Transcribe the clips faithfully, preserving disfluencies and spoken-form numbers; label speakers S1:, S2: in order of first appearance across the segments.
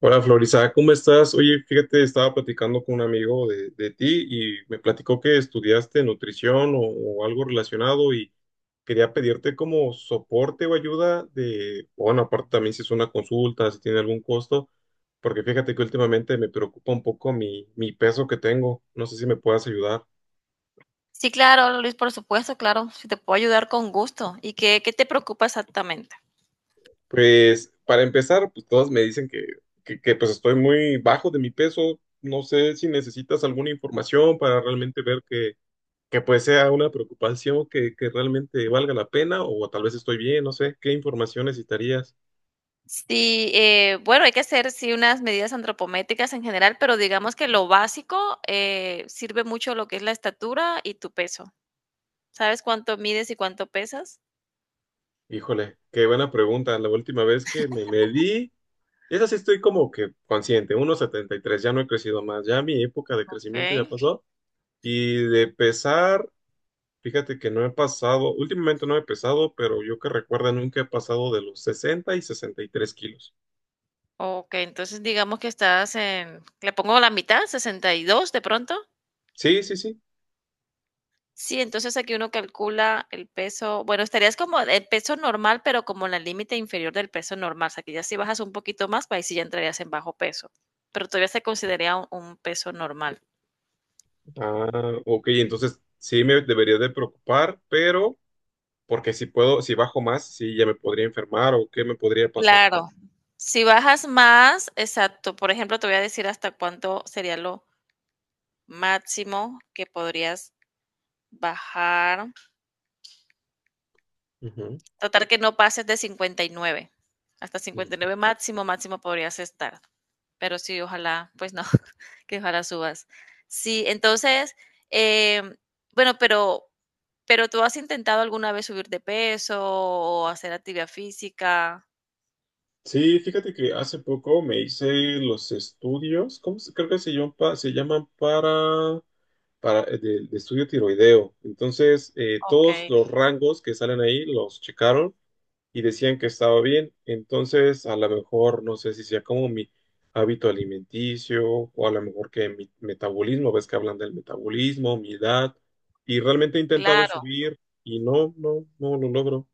S1: Hola Florisa, ¿cómo estás? Oye, fíjate, estaba platicando con un amigo de, de ti y me platicó que estudiaste nutrición o, o algo relacionado y quería pedirte como soporte o ayuda de, bueno, aparte también si es una consulta, si tiene algún costo, porque fíjate que últimamente me preocupa un poco mi, mi peso que tengo, no sé si me puedas ayudar.
S2: Sí, claro, Luis, por supuesto, claro. Si te puedo ayudar con gusto. ¿Y qué, qué te preocupa exactamente?
S1: Pues para empezar, pues todos me dicen que, que, que, pues estoy muy bajo de mi peso, no sé si necesitas alguna información para realmente ver que que pues sea una preocupación que, que realmente valga la pena o tal vez estoy bien, no sé, ¿qué información necesitarías?
S2: Sí, eh, bueno, hay que hacer sí unas medidas antropométricas en general, pero digamos que lo básico eh, sirve mucho lo que es la estatura y tu peso. ¿Sabes cuánto mides y cuánto pesas?
S1: Híjole, qué buena pregunta. La última vez que me medí, esa sí estoy como que consciente, uno coma setenta y tres, ya no he crecido más, ya mi época de
S2: Ok,
S1: crecimiento ya pasó. Y de pesar, fíjate que no he pasado, últimamente no he pesado, pero yo que recuerda nunca he pasado de los sesenta y sesenta y tres kilos.
S2: ok, entonces digamos que estás en, le pongo la mitad, sesenta y dos, de pronto.
S1: Sí, sí, sí.
S2: Sí, entonces aquí uno calcula el peso, bueno, estarías como el peso normal, pero como en el límite inferior del peso normal, o sea, que ya si bajas un poquito más, pues ahí sí ya entrarías en bajo peso, pero todavía se consideraría un, un peso normal.
S1: Ah, ok, entonces sí me debería de preocupar, pero porque si puedo, si bajo más, sí, ya me podría enfermar o qué me podría pasar.
S2: Claro, si bajas más, exacto, por ejemplo, te voy a decir hasta cuánto sería lo máximo que podrías bajar,
S1: Ujú,
S2: tratar que no pases de cincuenta y nueve. Hasta cincuenta y
S1: ujú.
S2: nueve máximo, máximo podrías estar, pero sí, ojalá, pues no. Que ojalá subas. Sí, entonces, em, bueno, pero, pero tú has intentado alguna vez subir de peso o hacer actividad física.
S1: Sí, fíjate que hace poco me hice los estudios, ¿cómo se, creo que se llaman, pa- se llaman para, para eh, de, de estudio tiroideo. Entonces, eh, todos
S2: Okay,
S1: los rangos que salen ahí los checaron y decían que estaba bien, entonces a lo mejor no sé si sea como mi hábito alimenticio o a lo mejor que mi metabolismo, ves que hablan del metabolismo, mi edad, y realmente he intentado
S2: claro.
S1: subir y no, no, no lo logro.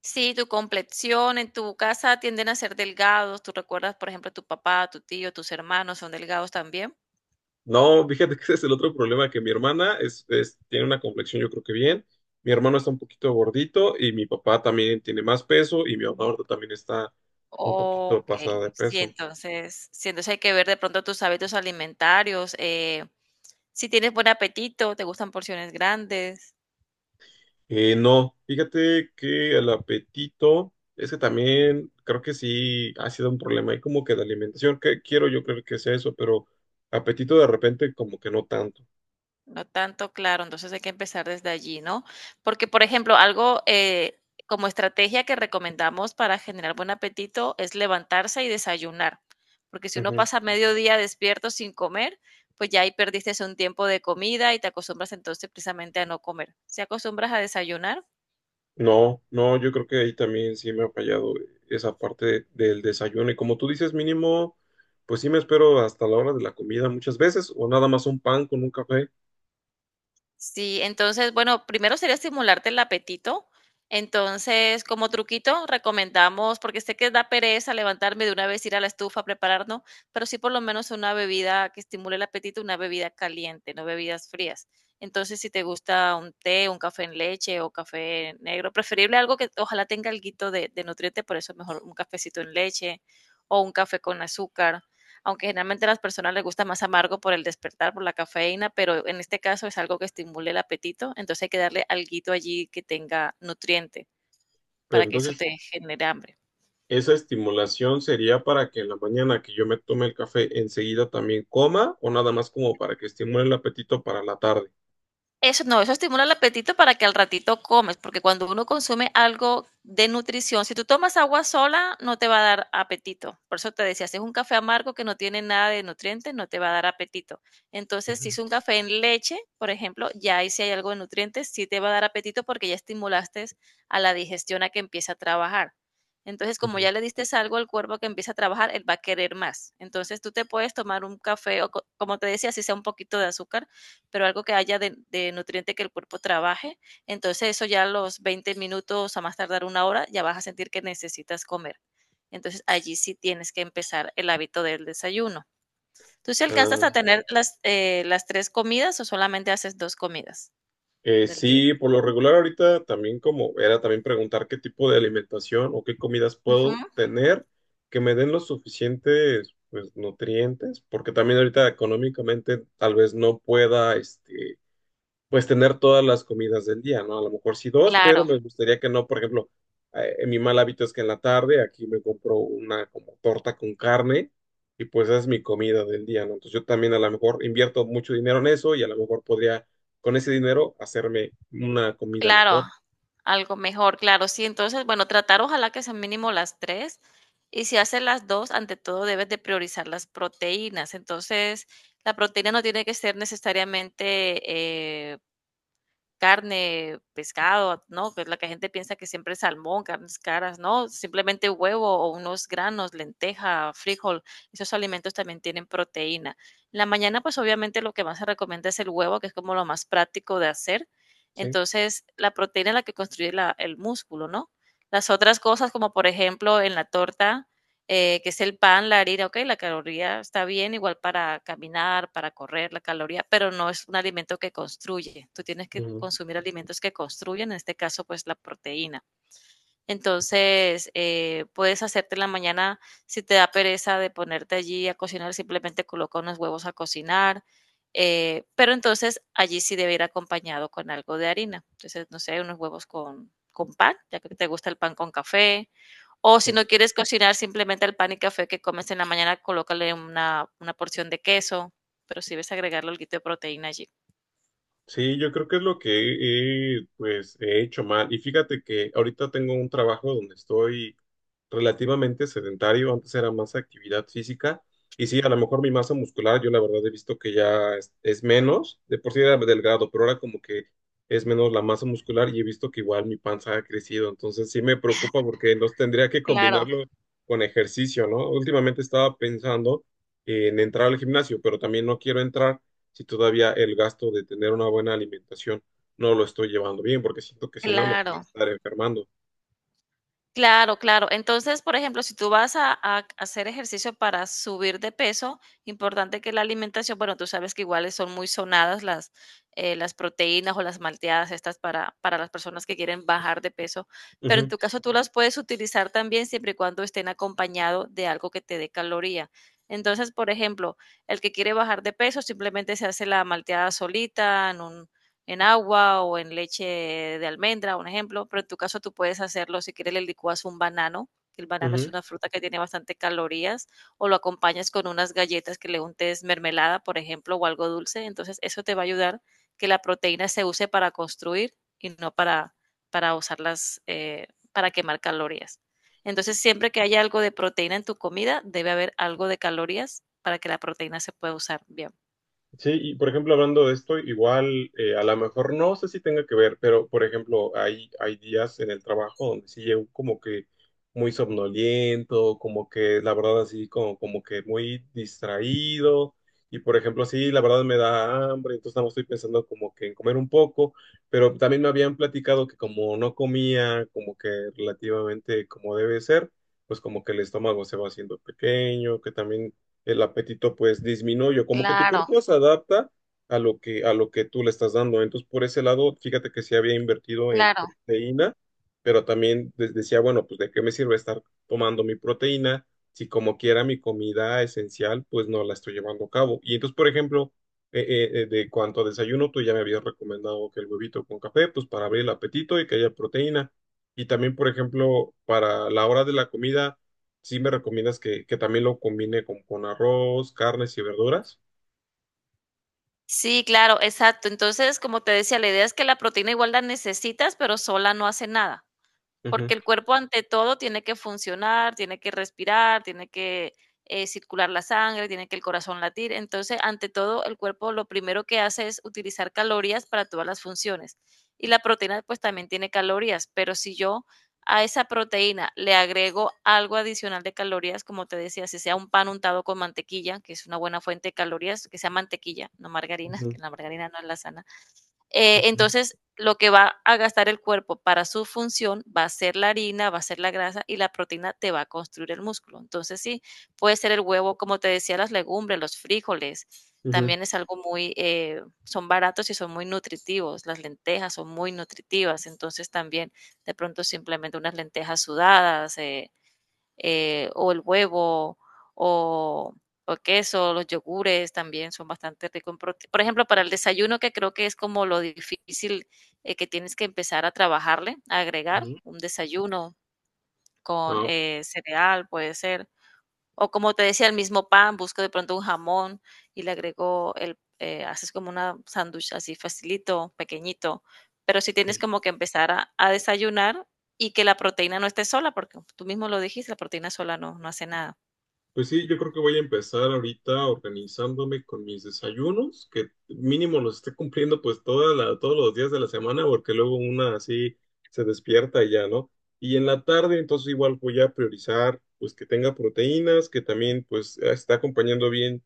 S2: Sí, tu complexión en tu casa tienden a ser delgados. ¿Tú recuerdas, por ejemplo, tu papá, tu tío, tus hermanos son delgados también?
S1: No, fíjate que ese es el otro problema, que mi hermana es, es- tiene una complexión yo creo que bien, mi hermano está un poquito gordito y mi papá también tiene más peso y mi mamá ahorita también está un poquito
S2: Ok,
S1: pasada de
S2: sí,
S1: peso.
S2: entonces, sí, entonces hay que ver de pronto tus hábitos alimentarios. Eh, si tienes buen apetito, te gustan porciones grandes.
S1: Eh, no, fíjate que el apetito es que también creo que sí ha sido un problema ahí como que de alimentación, que quiero yo creo que sea eso, pero apetito de repente como que no tanto.
S2: No tanto, claro, entonces hay que empezar desde allí, ¿no? Porque, por ejemplo, algo eh, como estrategia que recomendamos para generar buen apetito es levantarse y desayunar, porque si uno
S1: Ujú.
S2: pasa mediodía despierto sin comer, pues ya ahí perdiste un tiempo de comida y te acostumbras entonces precisamente a no comer. ¿Se acostumbras a desayunar?
S1: No, no, yo creo que ahí también sí me ha fallado esa parte de- del desayuno y como tú dices mínimo, pues sí me espero hasta la hora de la comida muchas veces o nada más un pan con un café,
S2: Sí, entonces, bueno, primero sería estimularte el apetito. Entonces, como truquito, recomendamos, porque sé que da pereza levantarme de una vez, ir a la estufa a prepararnos, pero sí por lo menos una bebida que estimule el apetito, una bebida caliente, no bebidas frías. Entonces, si te gusta un té, un café en leche o café negro, preferible algo que ojalá tenga alguito de, de nutriente, por eso mejor un cafecito en leche o un café con azúcar, aunque generalmente a las personas les gusta más amargo por el despertar, por la cafeína, pero en este caso es algo que estimule el apetito, entonces hay que darle alguito allí que tenga nutriente
S1: pero
S2: para que eso
S1: entonces
S2: te genere hambre.
S1: esa estimulación sería para que en la mañana que yo me tome el café enseguida también coma o nada más como para que estimule el apetito para la tarde.
S2: Eso no, eso estimula el apetito para que al ratito comes, porque cuando uno consume algo de nutrición, si tú tomas agua sola, no te va a dar apetito. Por eso te decía, si es un café amargo que no tiene nada de nutrientes, no te va a dar apetito. Entonces, si es un café en leche, por ejemplo, ya ahí si hay algo de nutrientes, sí te va a dar apetito porque ya estimulaste a la digestión a que empiece a trabajar. Entonces, como
S1: Ujú.
S2: ya le diste algo al cuerpo que empieza a trabajar, él va a querer más. Entonces, tú te puedes tomar un café o, co- como te decía, si sea un poquito de azúcar, pero algo que haya de, de, nutriente que el cuerpo trabaje. Entonces eso ya a los veinte minutos, a más tardar una hora, ya vas a sentir que necesitas comer. Entonces allí sí tienes que empezar el hábito del desayuno. ¿Tú si sí alcanzas a
S1: Ah,
S2: tener las, eh, las tres comidas o solamente haces dos comidas
S1: eh,
S2: del día?
S1: sí, por lo regular ahorita también como era también preguntar qué tipo de alimentación o qué comidas
S2: Ujú.
S1: puedo tener que me den los suficientes, pues, nutrientes, porque también ahorita económicamente tal vez no pueda este, pues tener todas las comidas del día, ¿no? A lo mejor sí dos, pero
S2: Claro.
S1: me gustaría que no, por ejemplo, eh, mi mal hábito es que en la tarde aquí me compro una como torta con carne y pues esa es mi comida del día, ¿no? Entonces yo también a lo mejor invierto mucho dinero en eso y a lo mejor podría con ese dinero hacerme una comida
S2: Claro,
S1: mejor,
S2: algo mejor, claro, sí. Entonces, bueno, tratar ojalá que sean mínimo las tres, y si haces las dos, ante todo debes de priorizar las proteínas. Entonces, la proteína no tiene que ser necesariamente, eh, carne, pescado, ¿no? Que es la que la gente piensa que siempre es salmón, carnes caras, ¿no? Simplemente huevo o unos granos, lenteja, frijol, esos alimentos también tienen proteína. En la mañana, pues obviamente lo que más se recomienda es el huevo, que es como lo más práctico de hacer.
S1: ¿sí?
S2: Entonces, la proteína es la que construye la- el músculo, ¿no? Las otras cosas, como por ejemplo en la torta, eh, que es el pan, la harina, ok, la caloría está bien, igual para caminar, para correr, la caloría, pero no es un alimento que construye. Tú tienes que
S1: Ujú,
S2: consumir alimentos que construyen, en este caso, pues la proteína. Entonces, eh, puedes hacerte en la mañana, si te da pereza de ponerte allí a cocinar, simplemente coloca unos huevos a cocinar, eh, pero entonces allí sí debe ir acompañado con algo de harina. Entonces, no sé, unos huevos con, con pan, ya que te gusta el pan con café, o
S1: sí.
S2: si no quieres cocinar, simplemente el pan y café que comes en la mañana, colócale una, una porción de queso, pero si sí debes agregarle algo de proteína allí.
S1: Sí, yo creo que es lo que he, pues, he hecho mal. Y fíjate que ahorita tengo un trabajo donde estoy relativamente sedentario. Antes era más actividad física. Y sí, a lo mejor mi masa muscular, yo la verdad he visto que ya es, es menos. De por sí era delgado, pero ahora como que es menos la masa muscular y he visto que igual mi panza ha crecido. Entonces sí me preocupa porque no tendría que
S2: Claro,
S1: combinarlo con ejercicio, ¿no? Últimamente estaba pensando en entrar al gimnasio, pero también no quiero entrar si todavía el gasto de tener una buena alimentación no lo estoy llevando bien, porque siento que si no me voy a
S2: claro.
S1: estar enfermando.
S2: Claro, claro. Entonces, por ejemplo, si tú vas a, a hacer ejercicio para subir de peso, importante que la alimentación, bueno, tú sabes que iguales son muy sonadas las, eh, las proteínas o las malteadas estas para, para, las personas que quieren bajar de peso, pero en
S1: Ujú,
S2: tu caso tú las puedes utilizar también siempre y cuando estén acompañado de algo que te dé caloría. Entonces, por ejemplo, el que quiere bajar de peso simplemente se hace la malteada solita en un en agua o en leche de almendra, un ejemplo, pero en tu caso tú puedes hacerlo, si quieres le licuas un banano, que el banano es
S1: ujú.
S2: una fruta que tiene bastante calorías, o lo acompañas con unas galletas que le untes mermelada, por ejemplo, o algo dulce, entonces eso te va a ayudar que la proteína se use para construir y no para, para usarlas, eh, para quemar calorías. Entonces, siempre que haya algo de proteína en tu comida, debe haber algo de calorías para que la proteína se pueda usar bien.
S1: Sí, y por ejemplo, hablando de esto, igual eh, a lo mejor no sé si tenga que ver, pero por ejemplo, hay, hay días en el trabajo donde sí llego como que muy somnoliento, como que la verdad así como, como que muy distraído, y por ejemplo, sí, la verdad me da hambre, entonces nada más estoy pensando como que en comer un poco, pero también me habían platicado que como no comía, como que relativamente como debe ser, pues como que el estómago se va haciendo pequeño, que también el apetito pues disminuye, como que tu
S2: Claro,
S1: cuerpo se adapta a lo que, a lo que tú le estás dando. Entonces, por ese lado, fíjate que sí había invertido en
S2: claro.
S1: proteína, pero también de- decía, bueno, pues de qué me sirve estar tomando mi proteína si como quiera mi comida esencial, pues no la estoy llevando a cabo. Y entonces, por ejemplo, eh, eh, eh, de cuanto a desayuno, tú ya me habías recomendado que el huevito con café, pues para abrir el apetito y que haya proteína. Y también, por ejemplo, para la hora de la comida, sí me recomiendas que, que también lo combine con, con arroz, carnes y verduras.
S2: Sí, claro, exacto. Entonces, como te decía, la idea es que la proteína igual la necesitas, pero sola no hace nada. Porque
S1: Ujú,
S2: el cuerpo ante todo tiene que funcionar, tiene que respirar, tiene que eh, circular la sangre, tiene que el corazón latir. Entonces, ante todo, el cuerpo lo primero que hace es utilizar calorías para todas las funciones. Y la proteína pues también tiene calorías, pero si yo a esa proteína le agrego algo adicional de calorías, como te decía, si sea un pan untado con mantequilla, que es una buena fuente de calorías, que sea mantequilla, no margarina,
S1: ujú,
S2: que la margarina no es la sana. Eh,
S1: ok,
S2: entonces, lo que va a gastar el cuerpo para su función va a ser la harina, va a ser la grasa y la proteína te va a construir el músculo. Entonces, sí, puede ser el huevo, como te decía, las legumbres, los frijoles,
S1: ujú,
S2: también es algo muy, eh, son baratos y son muy nutritivos. Las lentejas son muy nutritivas, entonces también de pronto simplemente unas lentejas sudadas, eh, eh, o el huevo, o, o queso, los yogures también son bastante ricos en proteína. Por ejemplo, para el desayuno, que creo que es como lo difícil, eh, que tienes que empezar a trabajarle, a agregar
S1: ujú.
S2: un desayuno con
S1: Ah,
S2: eh, cereal, puede ser, o como te decía, el mismo pan, busco de pronto un jamón y le agrego el, eh, haces como una sándwich así facilito, pequeñito. Pero sí tienes
S1: ok.
S2: como que empezar a, a desayunar y que la proteína no esté sola, porque tú mismo lo dijiste, la proteína sola no, no hace nada.
S1: Pues sí, yo creo que voy a empezar ahorita organizándome con mis desayunos, que mínimo los esté cumpliendo pues toda la, todos los días de la semana, porque luego una así se despierta y ya, ¿no? Y en la tarde entonces igual voy a priorizar pues que tenga proteínas, que también pues está acompañando bien,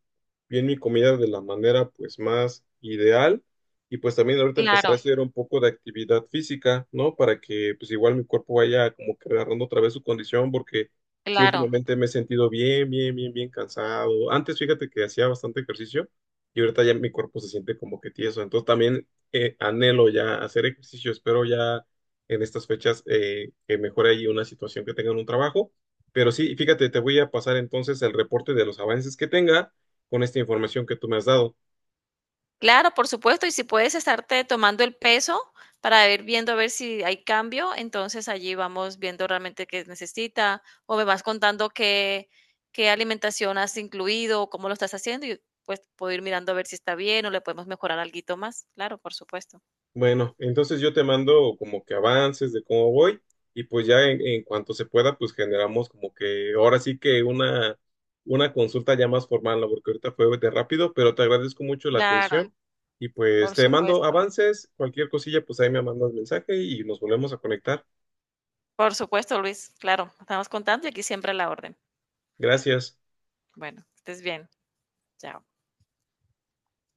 S1: bien mi comida de la manera pues más ideal. Y pues también ahorita empezar a
S2: Claro,
S1: hacer un poco de actividad física, ¿no? Para que pues igual mi cuerpo vaya como que agarrando otra vez su condición, porque... Sí,
S2: claro.
S1: últimamente me he sentido bien, bien, bien, bien cansado. Antes, fíjate que hacía bastante ejercicio y ahorita ya mi cuerpo se siente como que tieso. Entonces también eh, anhelo ya hacer ejercicio. Espero ya en estas fechas eh, que mejore ahí una situación que tenga en un trabajo. Pero sí, fíjate, te voy a pasar entonces el reporte de los avances que tenga con esta información que tú me has dado.
S2: Claro, por supuesto, y si puedes estarte tomando el peso para ir viendo a ver si hay cambio, entonces allí vamos viendo realmente qué necesita o me vas contando qué, qué alimentación has incluido o cómo lo estás haciendo y pues puedo ir mirando a ver si está bien o le podemos mejorar alguito más. Claro, por supuesto.
S1: Bueno, entonces yo te mando como que avances de cómo voy y pues ya en, en cuanto se pueda, pues generamos como que ahora sí que una, una consulta ya más formal, ¿no? Porque ahorita fue de rápido, pero te agradezco mucho la
S2: Claro,
S1: atención y pues
S2: por
S1: te mando
S2: supuesto.
S1: avances, cualquier cosilla, pues ahí me mandas mensaje y nos volvemos a conectar.
S2: Por supuesto, Luis. Claro, estamos contando y aquí siempre a la orden.
S1: Gracias.
S2: Bueno, que estés bien. Chao.